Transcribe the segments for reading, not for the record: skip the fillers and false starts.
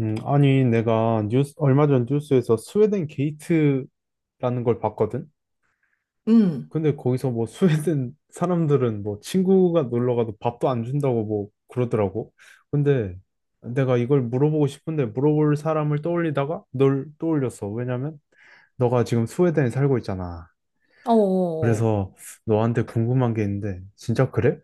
아니, 내가 뉴스, 얼마 전 뉴스에서 스웨덴 게이트라는 걸 봤거든? 음. 근데 거기서 뭐 스웨덴 사람들은 뭐 친구가 놀러 가도 밥도 안 준다고 뭐 그러더라고. 근데 내가 이걸 물어보고 싶은데 물어볼 사람을 떠올리다가 널 떠올렸어. 왜냐면 너가 지금 스웨덴에 살고 있잖아. 어어어. 그래서 너한테 궁금한 게 있는데, 진짜 그래?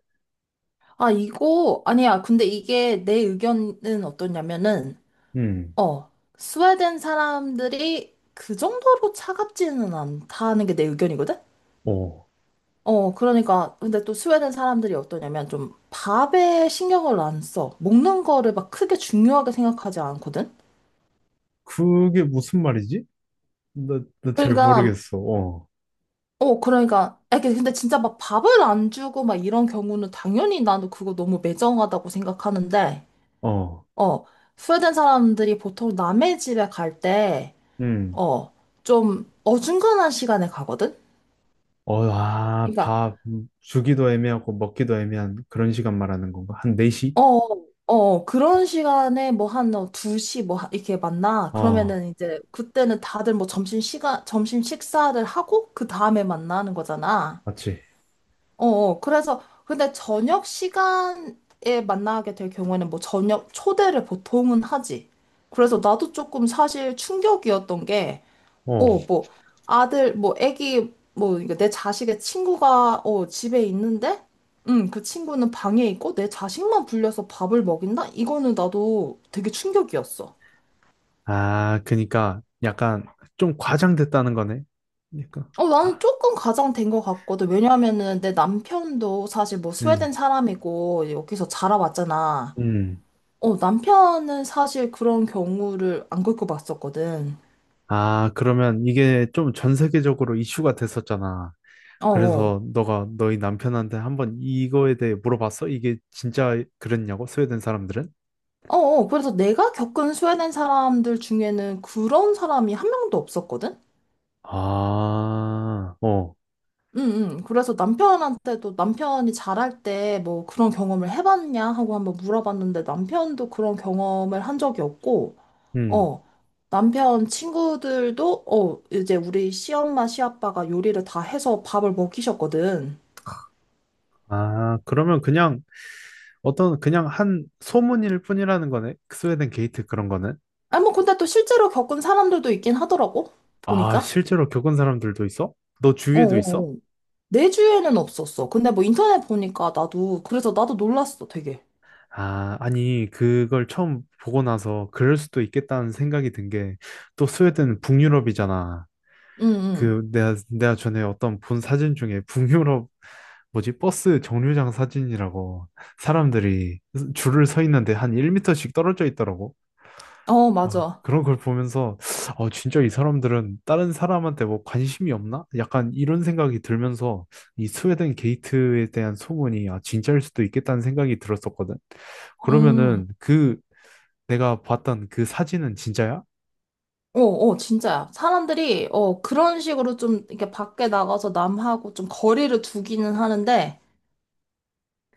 아, 이거, 아니야. 근데 이게 내 의견은 어떠냐면은, 음, 어, 스웨덴 사람들이 그 정도로 차갑지는 않다는 게 내 의견이거든? 어. 그러니까, 근데 또 스웨덴 사람들이 어떠냐면 좀 밥에 신경을 안 써. 먹는 거를 막 크게 중요하게 생각하지 않거든? 그게 무슨 말이지? 나 잘 그러니까, 모르겠어. 어, 그러니까, 아, 이게 근데 진짜 막 밥을 안 주고 막 이런 경우는 당연히 나는 그거 너무 매정하다고 생각하는데, 어, 어, 스웨덴 사람들이 보통 남의 집에 갈 때, 응. 어, 좀 어중간한 시간에 가거든? 어, 아, 그러니까, 밥 주기도 애매하고 먹기도 애매한 그런 시간 말하는 건가? 한 4시? 그런 시간에 뭐한 2시 이렇게 만나. 어, 그러면은 이제 그때는 다들 뭐 점심 시간, 점심 식사를 하고 그 다음에 만나는 거잖아. 맞지? 그래서 근데 저녁 시간에 만나게 될 경우에는 뭐 저녁 초대를 보통은 하지. 그래서 나도 조금 사실 충격이었던 게 어. 뭐, 아들, 뭐, 애기, 뭐, 그러니까 내 자식의 친구가, 집에 있는데, 그 친구는 방에 있고, 내 자식만 불려서 밥을 먹인다? 이거는 나도 되게 충격이었어. 아, 그니까 약간 좀 과장됐다는 거네. 그러니까 나는 아, 조금 가장된 것 같거든. 왜냐하면은 내 남편도 사실 뭐 음, 스웨덴 사람이고, 여기서 자라왔잖아. 음. 남편은 사실 그런 경우를 안 겪어봤었거든. 아, 그러면 이게 좀 전 세계적으로 이슈가 됐었잖아. 어, 어. 그래서 너가 너희 남편한테 한번 이거에 대해 물어봤어? 이게 진짜 그랬냐고? 스웨덴 사람들은? 어, 어. 그래서 내가 겪은 스웨덴 사람들 중에는 그런 사람이 한 명도 없었거든? 아, 어, 응, 응. 그래서 남편한테도 남편이 잘할 때 뭐 그런 경험을 해봤냐 하고 한번 물어봤는데 남편도 그런 경험을 한 적이 없고, 음. 어, 남편 친구들도, 이제 우리 시엄마, 시아빠가 요리를 다 해서 밥을 먹이셨거든. 아, 그러면 그냥 어떤 그냥 한 소문일 뿐이라는 거네. 스웨덴 게이트 그런 거는. 아니, 뭐 근데 또 실제로 겪은 사람들도 있긴 하더라고, 아, 보니까. 실제로 겪은 사람들도 있어? 너 어, 주위에도 있어? 어, 어. 내 주위에는 없었어. 근데 뭐 인터넷 보니까 나도, 그래서 나도 놀랐어, 되게. 아, 아니, 그걸 처음 보고 나서 그럴 수도 있겠다는 생각이 든 게, 또 스웨덴은 북유럽이잖아. 응, 그, 내가 전에 어떤 본 사진 중에 북유럽, 뭐지, 버스 정류장 사진이라고 사람들이 줄을 서 있는데 한 1미터씩 떨어져 있더라고. 응. 어, 아, 맞아. 그런 걸 보면서, 어, 진짜 이 사람들은 다른 사람한테 뭐 관심이 없나? 약간 이런 생각이 들면서 이 스웨덴 게이트에 대한 소문이, 아, 진짜일 수도 있겠다는 생각이 들었었거든. 음. 그러면은 그 내가 봤던 그 사진은 진짜야? 어, 어, 진짜야. 사람들이, 그런 식으로 좀, 이렇게 밖에 나가서 남하고 좀 거리를 두기는 하는데,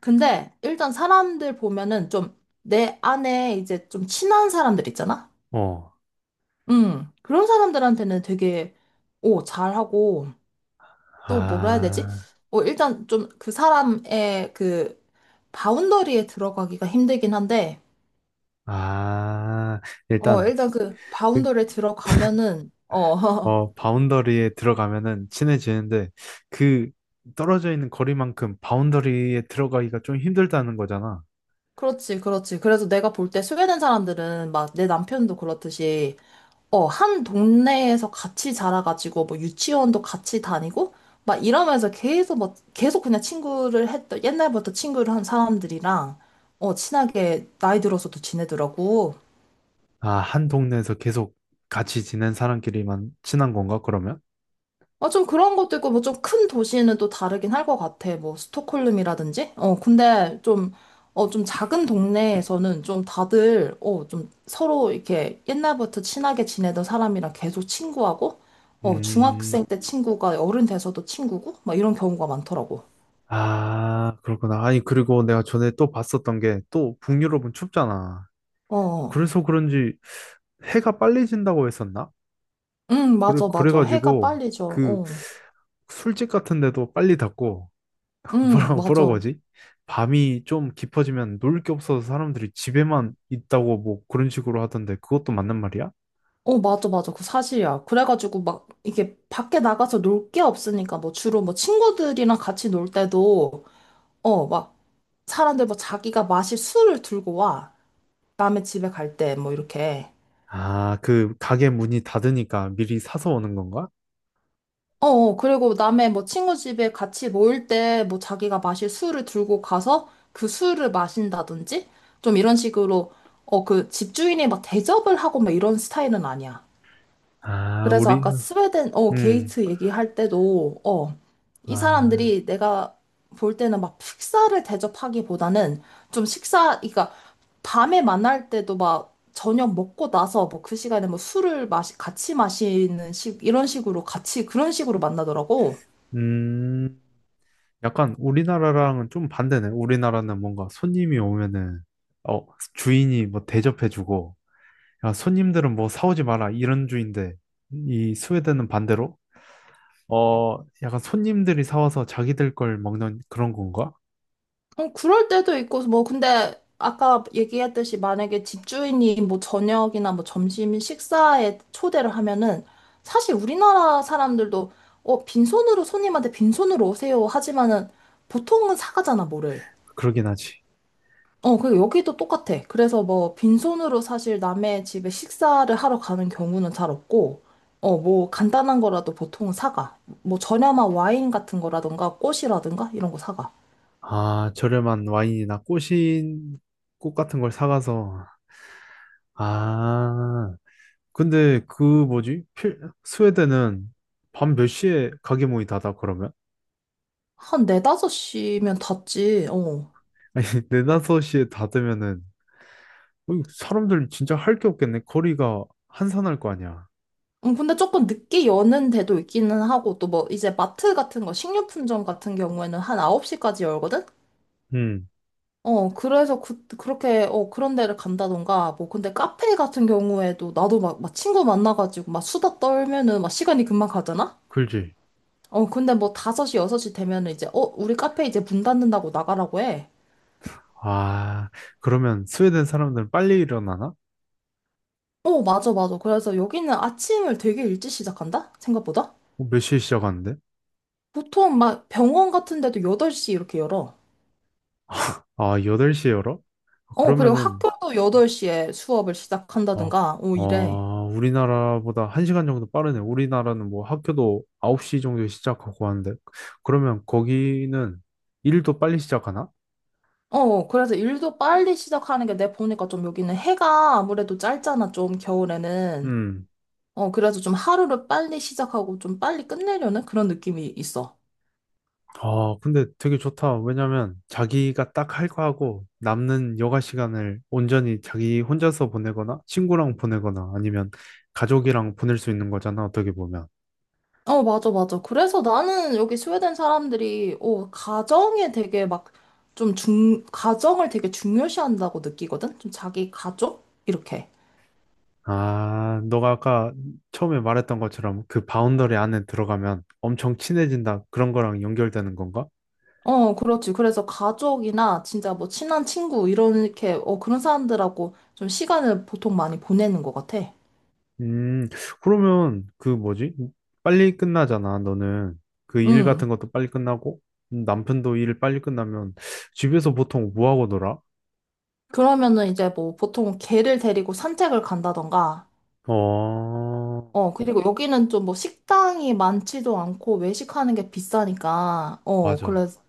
근데 일단 사람들 보면은 좀 내 안에 이제 좀 친한 사람들 있잖아? 어, 그런 사람들한테는 되게, 잘하고, 또 뭐라 해야 되지? 아, 일단 좀 그 사람의 그 바운더리에 들어가기가 힘들긴 한데, 아, 일단, 일단 그 그, 바운더리에 들어가면은, 바운더리에 들어가면은 친해지는데 그 떨어져 있는 거리만큼 바운더리에 들어가기가 좀 힘들다는 거잖아. 그렇지, 그렇지. 그래서 내가 볼 때소개된 사람들은 막 내 남편도 그렇듯이, 한 동네에서 같이 자라가지고, 뭐 유치원도 같이 다니고, 막 이러면서 계속 막, 계속 그냥 친구를 했던, 옛날부터 친구를 한 사람들이랑, 친하게 나이 들어서도 지내더라고. 아, 한 동네에서 계속 같이 지낸 사람끼리만 친한 건가, 그러면? 아, 좀 그런 것도 있고, 뭐 좀 큰 도시는 또 다르긴 할 것 같아. 뭐, 스톡홀름이라든지? 근데 좀, 좀 작은 동네에서는 좀 다들, 좀 서로 이렇게 옛날부터 친하게 지내던 사람이랑 계속 친구하고, 음, 중학생 때 친구가 어른 돼서도 친구고, 막 이런 경우가 많더라고. 아, 그렇구나. 아니, 그리고 내가 전에 또 봤었던 게 또 북유럽은 춥잖아. 어, 어. 그래서 그런지 해가 빨리 진다고 했었나? 응, 그래, 맞아, 맞아. 해가 그래가지고 빨리 져. 그 어, 술집 같은 데도 빨리 닫고, 응, 뭐라고, 뭐라고 맞아. 하지? 밤이 좀 깊어지면 놀 게 없어서 사람들이 집에만 있다고 뭐 그런 식으로 하던데 그것도 맞는 말이야? 어, 맞아, 맞아. 그 사실이야. 그래가지고 막 이게 밖에 나가서 놀 게 없으니까 뭐 주로 뭐 친구들이랑 같이 놀 때도 막, 사람들 뭐 자기가 마실 술을 들고 와. 남의 집에 갈 때, 뭐, 이렇게. 아, 그 가게 문이 닫으니까 미리 사서 오는 건가? 그리고 남의 뭐 친구 집에 같이 모일 때, 뭐 자기가 마실 술을 들고 가서 그 술을 마신다든지? 좀 이런 식으로, 그 집주인이 막 대접을 하고 막 이런 스타일은 아니야. 아, 그래서 우리, 아까 스웨덴, 음, 게이트 얘기할 때도, 이 아, 사람들이 내가 볼 때는 막 식사를 대접하기보다는 좀 식사, 그러니까 밤에 만날 때도 막 저녁 먹고 나서 뭐 그 시간에 뭐 술을 마시, 같이 마시는 식, 이런 식으로 같이 그런 식으로 만나더라고. 음, 약간 우리나라랑은 좀 반대네. 우리나라는 뭔가 손님이 오면은, 어, 주인이 뭐 대접해주고, 야, 손님들은 뭐 사오지 마라, 이런 주인데, 이 스웨덴은 반대로, 어, 약간 손님들이 사와서 자기들 걸 먹는 그런 건가? 그럴 때도 있고, 뭐, 근데 아까 얘기했듯이 만약에 집주인이 뭐 저녁이나 뭐 점심 식사에 초대를 하면은 사실 우리나라 사람들도 빈손으로 손님한테 빈손으로 오세요 하지만은 보통은 사가잖아, 뭐를. 그러긴 하지. 그 여기도 똑같아. 그래서 뭐 빈손으로 사실 남의 집에 식사를 하러 가는 경우는 잘 없고, 뭐 간단한 거라도 보통은 사가. 뭐 저렴한 와인 같은 거라든가 꽃이라든가 이런 거 사가. 아, 저렴한 와인이나 꽃 같은 걸 사가서, 아, 근데 그 뭐지? 스웨덴은 밤 몇 시에 가게 문이 닫아 그러면? 한 네다섯 시면 닫지, 어. 아니 네 다섯 시에 닫으면은 어이, 사람들 진짜 할 게 없겠네. 거리가 한산할 거 아니야. 근데 조금 늦게 여는 데도 있기는 하고, 또 뭐, 이제 마트 같은 거, 식료품점 같은 경우에는 한 9시까지 열거든? 음, 그래서 그렇게, 그런 데를 간다던가, 뭐, 근데 카페 같은 경우에도 나도 막, 막 친구 만나가지고 막 수다 떨면은 막 시간이 금방 가잖아? 그지. 근데 뭐 5시, 6시 되면은 이제, 우리 카페 이제 문 닫는다고 나가라고 해. 아, 그러면 스웨덴 사람들은 빨리 일어나나? 어, 맞아, 맞아. 그래서 여기는 아침을 되게 일찍 시작한다? 생각보다? 어, 몇 시에 시작하는데? 보통 막 병원 같은 데도 8시 이렇게 열어. 아, 여덟 시에 열어? 그리고 그러면은 학교도 8시에 수업을 어, 시작한다든가, 오, 이래. 우리나라보다 1시간 정도 빠르네. 우리나라는 뭐 학교도 9시 정도에 시작하고 하는데 그러면 거기는 일도 빨리 시작하나? 그래서 일도 빨리 시작하는 게 내 보니까 좀 여기는 해가 아무래도 짧잖아, 좀 겨울에는. 음. 그래서 좀 하루를 빨리 시작하고 좀 빨리 끝내려는 그런 느낌이 있어. 아, 근데 되게 좋다. 왜냐면 자기가 딱 할 거 하고 남는 여가 시간을 온전히 자기 혼자서 보내거나 친구랑 보내거나 아니면 가족이랑 보낼 수 있는 거잖아, 어떻게 보면. 어, 맞아, 맞아. 그래서 나는 여기 스웨덴 사람들이, 가정에 되게 막 좀 가정을 되게 중요시한다고 느끼거든? 좀 자기 가족? 이렇게. 아, 너가 아까 처음에 말했던 것처럼 그 바운더리 안에 들어가면 엄청 친해진다. 그런 거랑 연결되는 건가? 그렇지. 그래서 가족이나 진짜 뭐 친한 친구, 이런, 이렇게, 그런 사람들하고 좀 시간을 보통 많이 보내는 것 같아. 음, 그러면 그 뭐지? 빨리 끝나잖아, 너는. 그 일 음. 같은 것도 빨리 끝나고 남편도 일 빨리 끝나면 집에서 보통 뭐 하고 놀아? 그러면은 이제 뭐 보통 개를 데리고 산책을 간다던가, 어, 그리고 여기는 좀 뭐 식당이 많지도 않고 외식하는 게 비싸니까, 맞아. 그래서,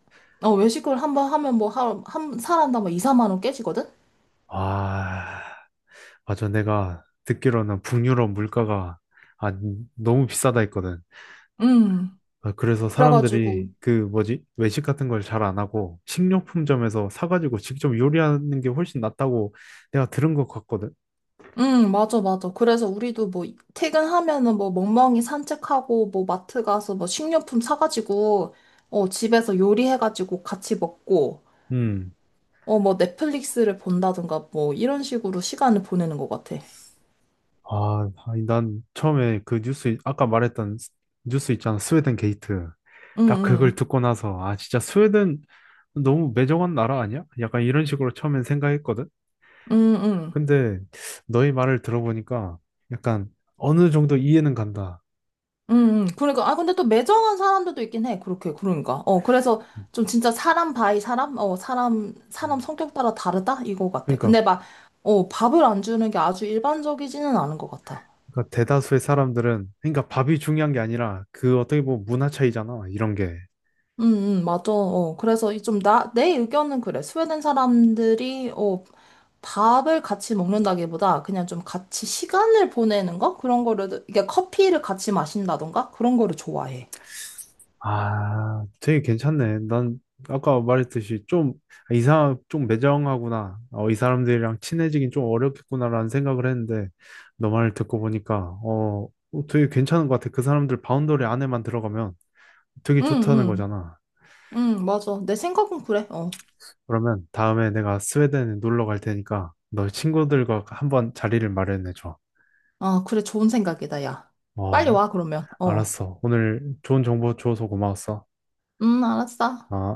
외식을 한번 하면 뭐, 한 사람당 뭐 2, 3만 원 깨지거든? 아, 맞아. 내가 듣기로는 북유럽 물가가 아, 너무 비싸다 했거든. 음. 아, 그래서 사람들이 그래가지고, 그 뭐지? 외식 같은 걸 잘 안 하고 식료품점에서 사가지고 직접 요리하는 게 훨씬 낫다고 내가 들은 것 같거든. 응, 맞아, 맞아. 그래서 우리도 뭐, 퇴근하면은 뭐, 멍멍이 산책하고, 뭐, 마트 가서 뭐, 식료품 사가지고, 집에서 요리해가지고 같이 먹고, 음. 뭐, 넷플릭스를 본다든가, 뭐, 이런 식으로 시간을 보내는 것 같아. 아, 아니, 난 처음에 그 뉴스, 아까 말했던 뉴스 있잖아. 스웨덴 게이트. 응, 딱 그걸 응, 듣고 나서, 아, 진짜 스웨덴 너무 매정한 나라 아니야? 약간 이런 식으로 처음엔 생각했거든. 응, 응, 응. 근데 너의 말을 들어보니까 약간 어느 정도 이해는 간다. 응. 그러니까, 아, 근데 또 매정한 사람들도 있긴 해. 그렇게, 그러니까. 그래서 좀 진짜 사람 바이 사람? 사람, 사람 음, 성격 따라 다르다? 이거 같아. 그러니까, 근데 막, 밥을 안 주는 게 아주 일반적이지는 않은 것 같아. 그러니까 대다수의 사람들은 그러니까 밥이 중요한 게 아니라 그 어떻게 보면 문화 차이잖아. 이런 게. 맞아. 그래서 이 좀 내 의견은 그래. 스웨덴 사람들이, 밥을 같이 먹는다기보다 그냥 좀 같이 시간을 보내는 거? 그런 거를, 이게 커피를 같이 마신다던가? 그런 거를 좋아해. 아, 되게 괜찮네. 난 아까 말했듯이 좀 이상 좀 매정하구나. 어, 이 사람들이랑 친해지긴 좀 어렵겠구나라는 생각을 했는데 너 말을 듣고 보니까 되게 괜찮은 것 같아. 그 사람들 바운더리 안에만 들어가면 되게 응, 좋다는 응, 거잖아. 응, 맞아. 내 생각은 그래. 어. 그러면 다음에 내가 스웨덴에 놀러 갈 테니까 너 친구들과 한번 자리를 마련해줘. 아, 그래. 좋은 생각이다, 야. 빨리 어, 와, 그러면. 어. 알았어. 오늘 좋은 정보 줘서 고마웠어. 알았어. 어.